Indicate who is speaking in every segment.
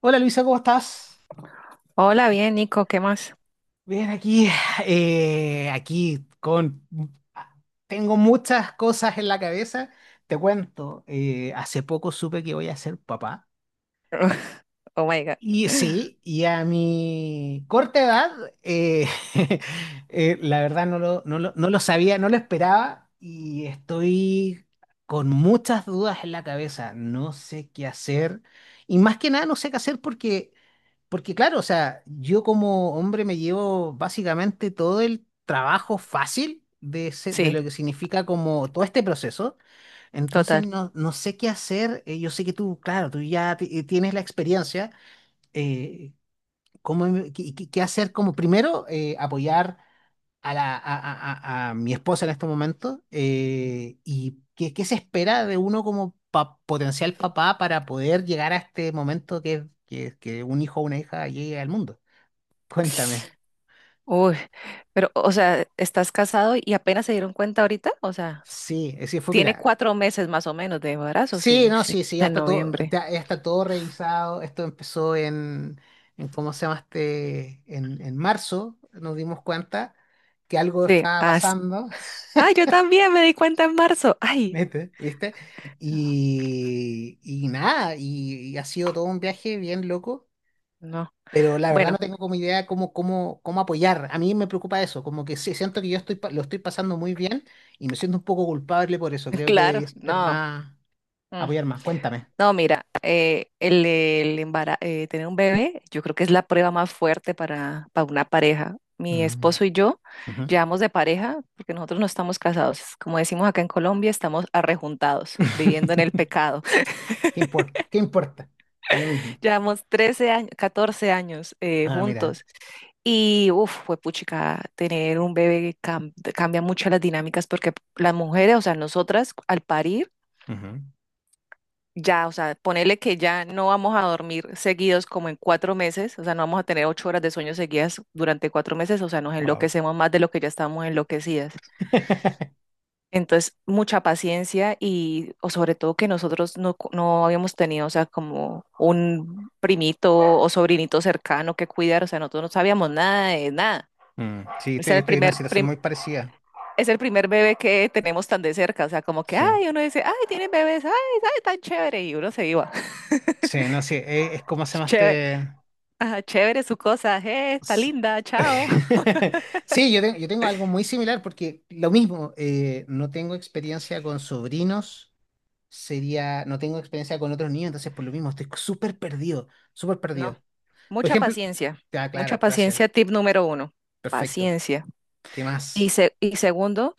Speaker 1: Hola Luisa, ¿cómo estás?
Speaker 2: Hola, bien, Nico, ¿qué más?
Speaker 1: Bien, aquí, aquí con... Tengo muchas cosas en la cabeza. Te cuento, hace poco supe que voy a ser papá.
Speaker 2: Oh my God.
Speaker 1: Y sí, y a mi corta edad, eh, la verdad no lo sabía, no lo esperaba y estoy con muchas dudas en la cabeza. No sé qué hacer. Y más que nada no sé qué hacer porque claro, o sea, yo como hombre me llevo básicamente todo el trabajo fácil de
Speaker 2: Sí,
Speaker 1: lo que significa como todo este proceso. Entonces
Speaker 2: total.
Speaker 1: no sé qué hacer. Yo sé que tú, claro, tú ya tienes la experiencia. Eh, cómo em- qué, qué- qué hacer como primero apoyar a, la, a mi esposa en este momento. ¿Y qué se espera de uno como potencial papá para poder llegar a este momento que un hijo o una hija llegue al mundo? Cuéntame.
Speaker 2: Uy, pero, o sea, ¿estás casado y apenas se dieron cuenta ahorita? O sea,
Speaker 1: Sí, sí, fue,
Speaker 2: tiene
Speaker 1: mira.
Speaker 2: 4 meses más o menos de embarazo,
Speaker 1: Sí,
Speaker 2: sí,
Speaker 1: no,
Speaker 2: sí,
Speaker 1: sí, sí, ya
Speaker 2: en
Speaker 1: está todo,
Speaker 2: noviembre.
Speaker 1: ya está todo revisado. Esto empezó en ¿cómo se llama este? En marzo nos dimos cuenta que algo
Speaker 2: Sí,
Speaker 1: estaba pasando,
Speaker 2: ay, yo también me di cuenta en marzo. Ay,
Speaker 1: mete, ¿viste? Y nada, y ha sido todo un viaje bien loco,
Speaker 2: no.
Speaker 1: pero la verdad
Speaker 2: Bueno,
Speaker 1: no tengo como idea cómo apoyar. A mí me preocupa eso, como que sí, siento que yo estoy, lo estoy pasando muy bien y me siento un poco culpable por eso. Creo que
Speaker 2: claro,
Speaker 1: debería ser
Speaker 2: no.
Speaker 1: más.
Speaker 2: Mm.
Speaker 1: Apoyar más. Cuéntame.
Speaker 2: No, mira, tener un bebé, yo creo que es la prueba más fuerte para, una pareja. Mi
Speaker 1: Mm.
Speaker 2: esposo y yo
Speaker 1: Ujú.
Speaker 2: llevamos de pareja porque nosotros no estamos casados. Como decimos acá en Colombia, estamos arrejuntados, viviendo en el pecado.
Speaker 1: ¿Qué importa? ¿Qué importa? Da lo mismo.
Speaker 2: Llevamos 13 años, 14 años
Speaker 1: Ah, mira.
Speaker 2: juntos. Y, uff, fue puchica, tener un bebé cambia mucho las dinámicas porque las mujeres, o sea, nosotras al parir,
Speaker 1: Ujú.
Speaker 2: ya, o sea, ponerle que ya no vamos a dormir seguidos como en 4 meses, o sea, no vamos a tener 8 horas de sueño seguidas durante 4 meses, o sea, nos
Speaker 1: Wow.
Speaker 2: enloquecemos más de lo que ya estamos enloquecidas. Entonces, mucha paciencia y, o sobre todo que nosotros no habíamos tenido, o sea, como un primito o sobrinito cercano que cuidar, o sea, nosotros no sabíamos nada de nada.
Speaker 1: Mm, sí,
Speaker 2: Ese era el
Speaker 1: estoy en una
Speaker 2: primer,
Speaker 1: situación
Speaker 2: prim-
Speaker 1: muy parecida.
Speaker 2: Es el primer bebé que tenemos tan de cerca, o sea, como que,
Speaker 1: Sí.
Speaker 2: ay, uno dice, ay, tienen bebés, ay, ay, tan chévere, y uno se iba.
Speaker 1: Sí, no, sí. Es como se llama
Speaker 2: Chévere.
Speaker 1: este.
Speaker 2: Ah, chévere su cosa, está
Speaker 1: S-
Speaker 2: linda, chao.
Speaker 1: Sí, yo tengo algo muy similar porque lo mismo, no tengo experiencia con sobrinos, sería, no tengo experiencia con otros niños, entonces por lo mismo estoy súper perdido, súper
Speaker 2: No,
Speaker 1: perdido. Por
Speaker 2: mucha
Speaker 1: ejemplo,
Speaker 2: paciencia,
Speaker 1: ah,
Speaker 2: mucha
Speaker 1: claro, gracias,
Speaker 2: paciencia, tip número uno,
Speaker 1: perfecto.
Speaker 2: paciencia.
Speaker 1: ¿Qué
Speaker 2: Y,
Speaker 1: más?
Speaker 2: y segundo,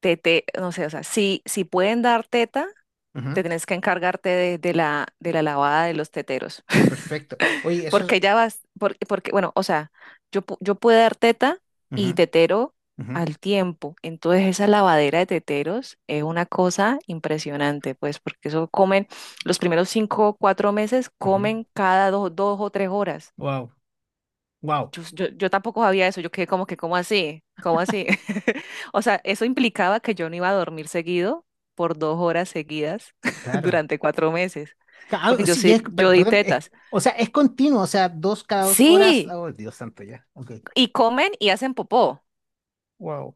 Speaker 2: no sé, o sea, si, pueden dar teta,
Speaker 1: Ujú.
Speaker 2: te tienes que encargarte de, de la lavada de los teteros.
Speaker 1: Perfecto. Oye, eso es...
Speaker 2: Porque ya vas, porque, bueno, o sea, yo puedo dar teta y tetero al tiempo. Entonces esa lavadera de teteros es una cosa impresionante, pues, porque eso comen, los primeros 5 o 4 meses comen cada dos, 2 o 3 horas.
Speaker 1: Wow, wow,
Speaker 2: Yo tampoco sabía eso, yo quedé como que, ¿cómo así? ¿Cómo así? O sea, eso implicaba que yo no iba a dormir seguido por 2 horas seguidas
Speaker 1: claro.
Speaker 2: durante 4 meses, porque yo
Speaker 1: Sí,
Speaker 2: sí, yo di
Speaker 1: perdón,
Speaker 2: tetas.
Speaker 1: o sea, es continuo, o sea, 2 cada 2 horas.
Speaker 2: Sí,
Speaker 1: Oh, Dios santo, ya. Ok.
Speaker 2: y comen y hacen popó.
Speaker 1: Wow.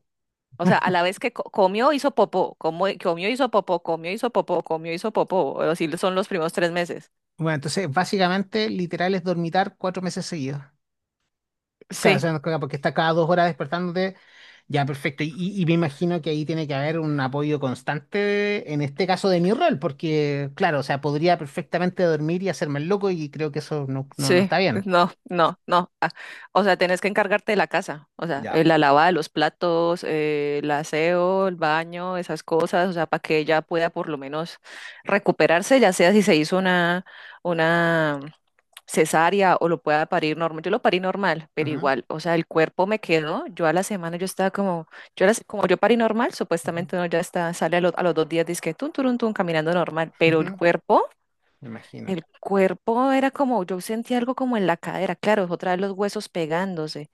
Speaker 2: O sea, a la vez que comió, hizo popó, comió, hizo popó, comió, hizo popó, comió, hizo popó. O así son los primeros 3 meses.
Speaker 1: Bueno, entonces, básicamente, literal es dormitar 4 meses seguidos. Claro, o
Speaker 2: Sí,
Speaker 1: sea, no, claro, porque está cada 2 horas despertándote. Ya, perfecto. Y me imagino que ahí tiene que haber un apoyo constante, en este caso de mi rol, porque, claro, o sea, podría perfectamente dormir y hacerme el loco y creo que eso no
Speaker 2: sí,
Speaker 1: está bien.
Speaker 2: no, no, no. O sea, tenés que encargarte de la casa. O sea,
Speaker 1: Ya.
Speaker 2: la lavada de los platos, el aseo, el baño, esas cosas. O sea, para que ella pueda por lo menos recuperarse, ya sea si se hizo una cesárea o lo pueda parir normal. Yo lo parí normal, pero
Speaker 1: Ujú,
Speaker 2: igual, o sea, el cuerpo me quedó. Yo a la semana yo estaba como, yo a la como yo parí normal,
Speaker 1: ujú,
Speaker 2: supuestamente uno ya está, sale a los 2 días, dice que tun, turun, tun, caminando normal, pero
Speaker 1: ujú, me imagino.
Speaker 2: el cuerpo era como, yo sentía algo como en la cadera, claro, otra vez los huesos pegándose.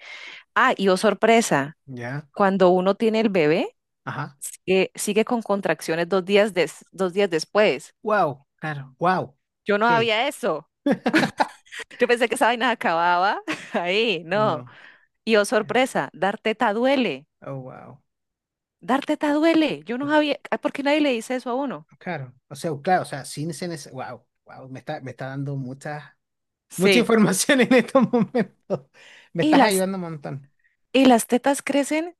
Speaker 2: Ah, y oh sorpresa,
Speaker 1: Ya.
Speaker 2: cuando uno tiene el bebé,
Speaker 1: Ajá.
Speaker 2: sigue con contracciones 2 días, 2 días después.
Speaker 1: Wow. Claro. Wow.
Speaker 2: Yo no
Speaker 1: Ok.
Speaker 2: había eso. Yo pensé que esa vaina acababa ahí, no.
Speaker 1: No.
Speaker 2: Y oh,
Speaker 1: eh,
Speaker 2: sorpresa, dar teta duele.
Speaker 1: Oh, wow.
Speaker 2: Dar teta duele. Yo no sabía, ay, ¿por qué nadie le dice eso a uno?
Speaker 1: Claro. O sea, claro, o sea, sin ser wow. Wow. Me está dando mucha, mucha
Speaker 2: Sí.
Speaker 1: información en estos momentos. Me
Speaker 2: Y
Speaker 1: estás
Speaker 2: las,
Speaker 1: ayudando un montón.
Speaker 2: tetas crecen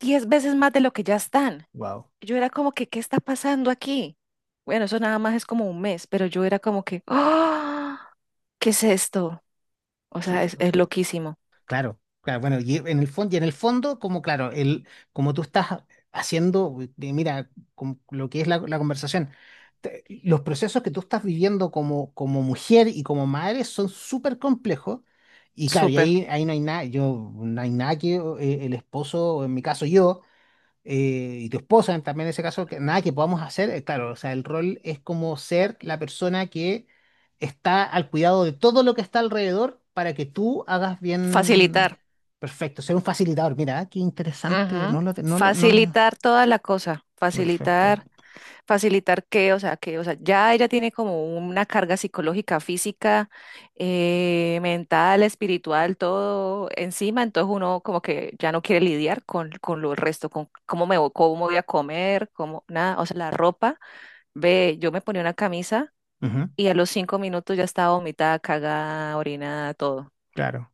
Speaker 2: 10 veces más de lo que ya están.
Speaker 1: Wow.
Speaker 2: Yo era como que, ¿qué está pasando aquí? Bueno, eso nada más es como un mes, pero yo era como que, ¡ah! ¿Qué es esto? O sea, es loquísimo.
Speaker 1: Claro, claro, bueno, y en el fondo, y en el fondo, como claro, el, como tú estás haciendo, mira, con lo que es la conversación, los procesos que tú estás viviendo como, como mujer y como madre son súper complejos, y claro,
Speaker 2: Súper.
Speaker 1: ahí no hay nada, yo, no hay nada que el esposo, o en mi caso yo, y tu esposa también en ese caso, que nada que podamos hacer, claro, o sea, el rol es como ser la persona que está al cuidado de todo lo que está alrededor para que tú hagas
Speaker 2: Facilitar.
Speaker 1: bien, perfecto, ser un facilitador, mira, ah, qué interesante, no
Speaker 2: Ujú.
Speaker 1: lo, te- no lo, no lo,
Speaker 2: Facilitar toda la cosa.
Speaker 1: perfecto.
Speaker 2: Facilitar. Facilitar que, o sea, ya ella tiene como una carga psicológica, física, mental, espiritual, todo encima, entonces uno como que ya no quiere lidiar con, lo resto, con cómo me voy, cómo voy a comer, cómo, nada, o sea, la ropa, ve, yo me ponía una camisa
Speaker 1: Ujú,
Speaker 2: y a los 5 minutos ya estaba vomitada, cagada, orinada, todo.
Speaker 1: claro,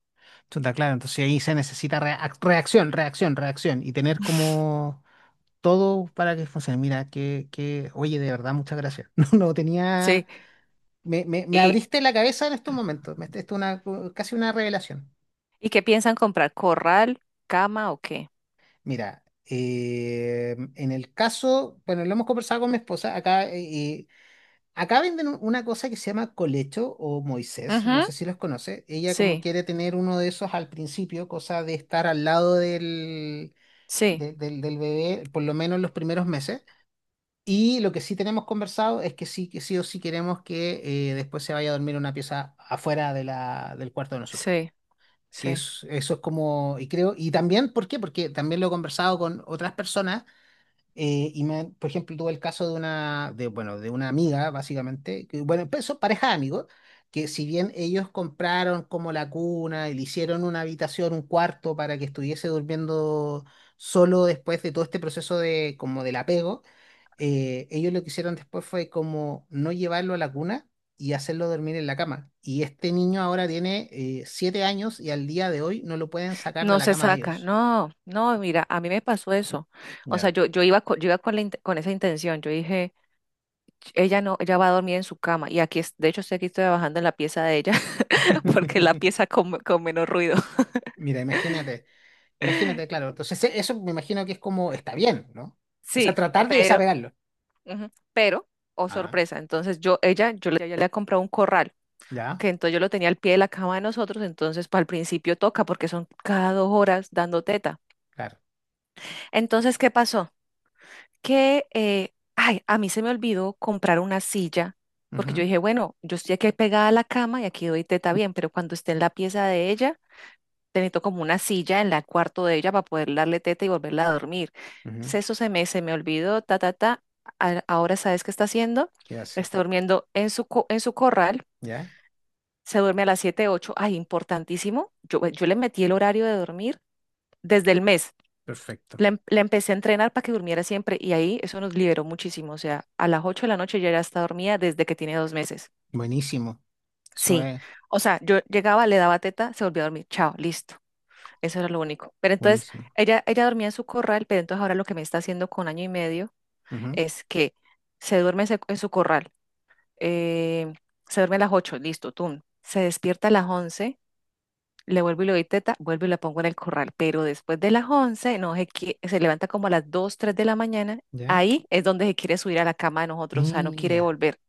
Speaker 1: está claro, entonces ahí se necesita reacción, reacción, reacción, y tener como... Todo para que funcione. Mira, oye, de verdad, muchas gracias. No, no
Speaker 2: Sí,
Speaker 1: tenía. Me
Speaker 2: y,
Speaker 1: abriste la cabeza en estos momentos. Esto es una, casi una revelación.
Speaker 2: ¿y qué piensan comprar? ¿Corral, cama o qué?
Speaker 1: Mira, en el caso, bueno, lo hemos conversado con mi esposa. Acá, acá venden una cosa que se llama colecho o Moisés. No
Speaker 2: Ujú.
Speaker 1: sé si los conoce. Ella como
Speaker 2: Sí,
Speaker 1: quiere tener uno de esos al principio, cosa de estar al lado
Speaker 2: sí,
Speaker 1: del bebé, por lo menos los primeros meses. Y lo que sí tenemos conversado es que sí o sí queremos que después se vaya a dormir en una pieza afuera de del cuarto de nosotros.
Speaker 2: sí,
Speaker 1: Que
Speaker 2: sí.
Speaker 1: eso es como, y creo, y también, ¿por qué? Porque también lo he conversado con otras personas, y me, por ejemplo, tuve el caso de una, de, bueno, de una amiga, básicamente, que, bueno, pues, son pareja de amigos, que si bien ellos compraron como la cuna y le hicieron una habitación, un cuarto para que estuviese durmiendo solo después de todo este proceso de, como del apego, ellos lo que hicieron después fue como no llevarlo a la cuna y hacerlo dormir en la cama. Y este niño ahora tiene 7 años y al día de hoy no lo pueden sacar de
Speaker 2: No
Speaker 1: la
Speaker 2: se
Speaker 1: cama de
Speaker 2: saca,
Speaker 1: ellos.
Speaker 2: no, no, mira, a mí me pasó eso. O sea,
Speaker 1: Ya.
Speaker 2: yo iba con, con esa intención, yo dije, ella no, ella va a dormir en su cama y aquí, de hecho, estoy aquí trabajando en la pieza de ella porque es la pieza con, menos ruido.
Speaker 1: Mira, imagínate, imagínate, claro. Entonces, eso me imagino que es como, está bien, ¿no? O sea,
Speaker 2: Sí,
Speaker 1: tratar de
Speaker 2: pero,
Speaker 1: desapegarlo.
Speaker 2: ujú, pero, oh
Speaker 1: Ajá,
Speaker 2: sorpresa, entonces yo, ella, yo le, ella le ha comprado un corral,
Speaker 1: ya,
Speaker 2: que entonces yo lo tenía al pie de la cama de nosotros, entonces para el principio toca porque son cada 2 horas dando teta.
Speaker 1: claro.
Speaker 2: Entonces, ¿qué pasó? Que, ay, a mí se me olvidó comprar una silla, porque yo
Speaker 1: Ujú,
Speaker 2: dije, bueno, yo estoy aquí pegada a la cama y aquí doy teta bien, pero cuando esté en la pieza de ella, te necesito como una silla en el cuarto de ella para poder darle teta y volverla a dormir.
Speaker 1: ujú.
Speaker 2: Eso se me olvidó, ta, ta, ta. Ahora sabes qué está haciendo.
Speaker 1: ¿Qué hace?
Speaker 2: Está durmiendo en su corral,
Speaker 1: Ya,
Speaker 2: se duerme a las 7 ocho, ay, importantísimo. Yo le metí el horario de dormir desde el mes.
Speaker 1: perfecto.
Speaker 2: La la empecé a entrenar para que durmiera siempre y ahí eso nos liberó muchísimo. O sea, a las 8 de la noche ya está dormida desde que tiene 2 meses.
Speaker 1: Buenísimo. Eso
Speaker 2: Sí.
Speaker 1: es
Speaker 2: O sea, yo llegaba, le daba teta, se volvía a dormir. Chao, listo. Eso era lo único. Pero entonces,
Speaker 1: buenísimo.
Speaker 2: ella dormía en su corral, pero entonces ahora lo que me está haciendo con año y medio
Speaker 1: Ujú,
Speaker 2: es que se duerme en su corral. eh, se duerme a las 8 listo, tum. Se despierta a las 11. Le vuelvo y le doy teta, vuelvo y la pongo en el corral. Pero después de las 11, no se, se levanta como a las 2 3 de la mañana.
Speaker 1: ya,
Speaker 2: Ahí es donde se quiere subir a la cama de nosotros, o sea, no quiere
Speaker 1: mira,
Speaker 2: volver.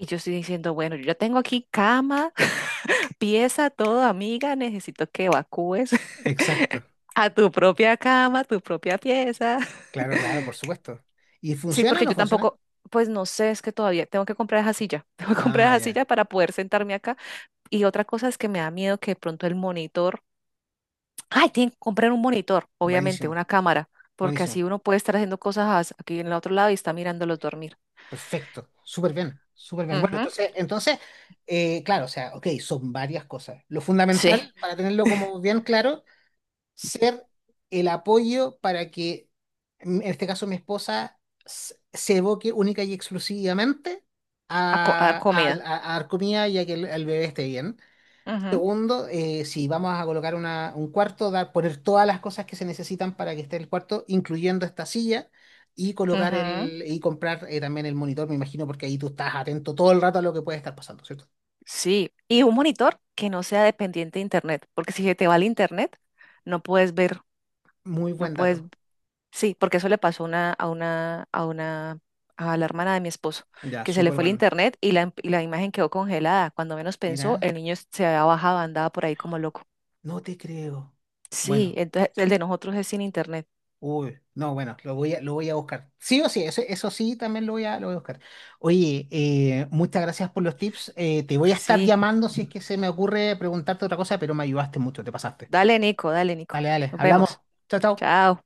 Speaker 2: Y yo estoy diciendo, bueno, yo ya tengo aquí cama, pieza, todo, amiga, necesito que evacúes
Speaker 1: exacto.
Speaker 2: a tu propia cama, tu propia pieza.
Speaker 1: Claro, claro, por supuesto. ¿Y
Speaker 2: Sí,
Speaker 1: funciona o
Speaker 2: porque
Speaker 1: no
Speaker 2: yo
Speaker 1: funciona?
Speaker 2: tampoco, pues no sé, es que todavía tengo que comprar esa silla, tengo que comprar
Speaker 1: Ah,
Speaker 2: esa
Speaker 1: ya.
Speaker 2: silla para poder sentarme acá. Y otra cosa es que me da miedo que de pronto el monitor. Ay, tienen que comprar un monitor, obviamente,
Speaker 1: Buenísimo,
Speaker 2: una cámara, porque así
Speaker 1: buenísimo.
Speaker 2: uno puede estar haciendo cosas aquí en el otro lado y está mirándolos dormir.
Speaker 1: Perfecto. Súper bien, súper bien. Bueno,
Speaker 2: Ujú.
Speaker 1: entonces, entonces, claro, o sea, ok, son varias cosas. Lo
Speaker 2: Sí,
Speaker 1: fundamental, para tenerlo como bien claro, ser el apoyo para que, en este caso, mi esposa se evoque única y exclusivamente
Speaker 2: a, a dar comida.
Speaker 1: a dar comida y a que el bebé esté bien.
Speaker 2: Ujú,
Speaker 1: Segundo, si vamos a colocar un cuarto, dar, poner todas las cosas que se necesitan para que esté el cuarto, incluyendo esta silla, y colocar
Speaker 2: ujú.
Speaker 1: el, y comprar también el monitor, me imagino, porque ahí tú estás atento todo el rato a lo que puede estar pasando, ¿cierto?
Speaker 2: Sí, y un monitor que no sea dependiente de internet, porque si se te va el internet, no puedes ver,
Speaker 1: Muy
Speaker 2: no
Speaker 1: buen
Speaker 2: puedes,
Speaker 1: dato.
Speaker 2: sí, porque eso le pasó a una, a la hermana de mi esposo,
Speaker 1: Ya,
Speaker 2: que se le
Speaker 1: súper
Speaker 2: fue el
Speaker 1: bueno.
Speaker 2: internet y la, imagen quedó congelada. Cuando menos pensó,
Speaker 1: Mira,
Speaker 2: el niño se había bajado, andaba por ahí como loco.
Speaker 1: no te creo.
Speaker 2: Sí,
Speaker 1: Bueno,
Speaker 2: entonces el de nosotros es sin internet.
Speaker 1: uy, no, bueno, lo voy a buscar. Sí o sí, eso sí, también lo voy a buscar. Oye, muchas gracias por los tips. Te voy a estar
Speaker 2: Sí.
Speaker 1: llamando si es que se me ocurre preguntarte otra cosa, pero me ayudaste mucho, te pasaste.
Speaker 2: Dale, Nico, dale, Nico.
Speaker 1: Dale, dale,
Speaker 2: Nos
Speaker 1: hablamos.
Speaker 2: vemos.
Speaker 1: Chao, chao.
Speaker 2: Chao.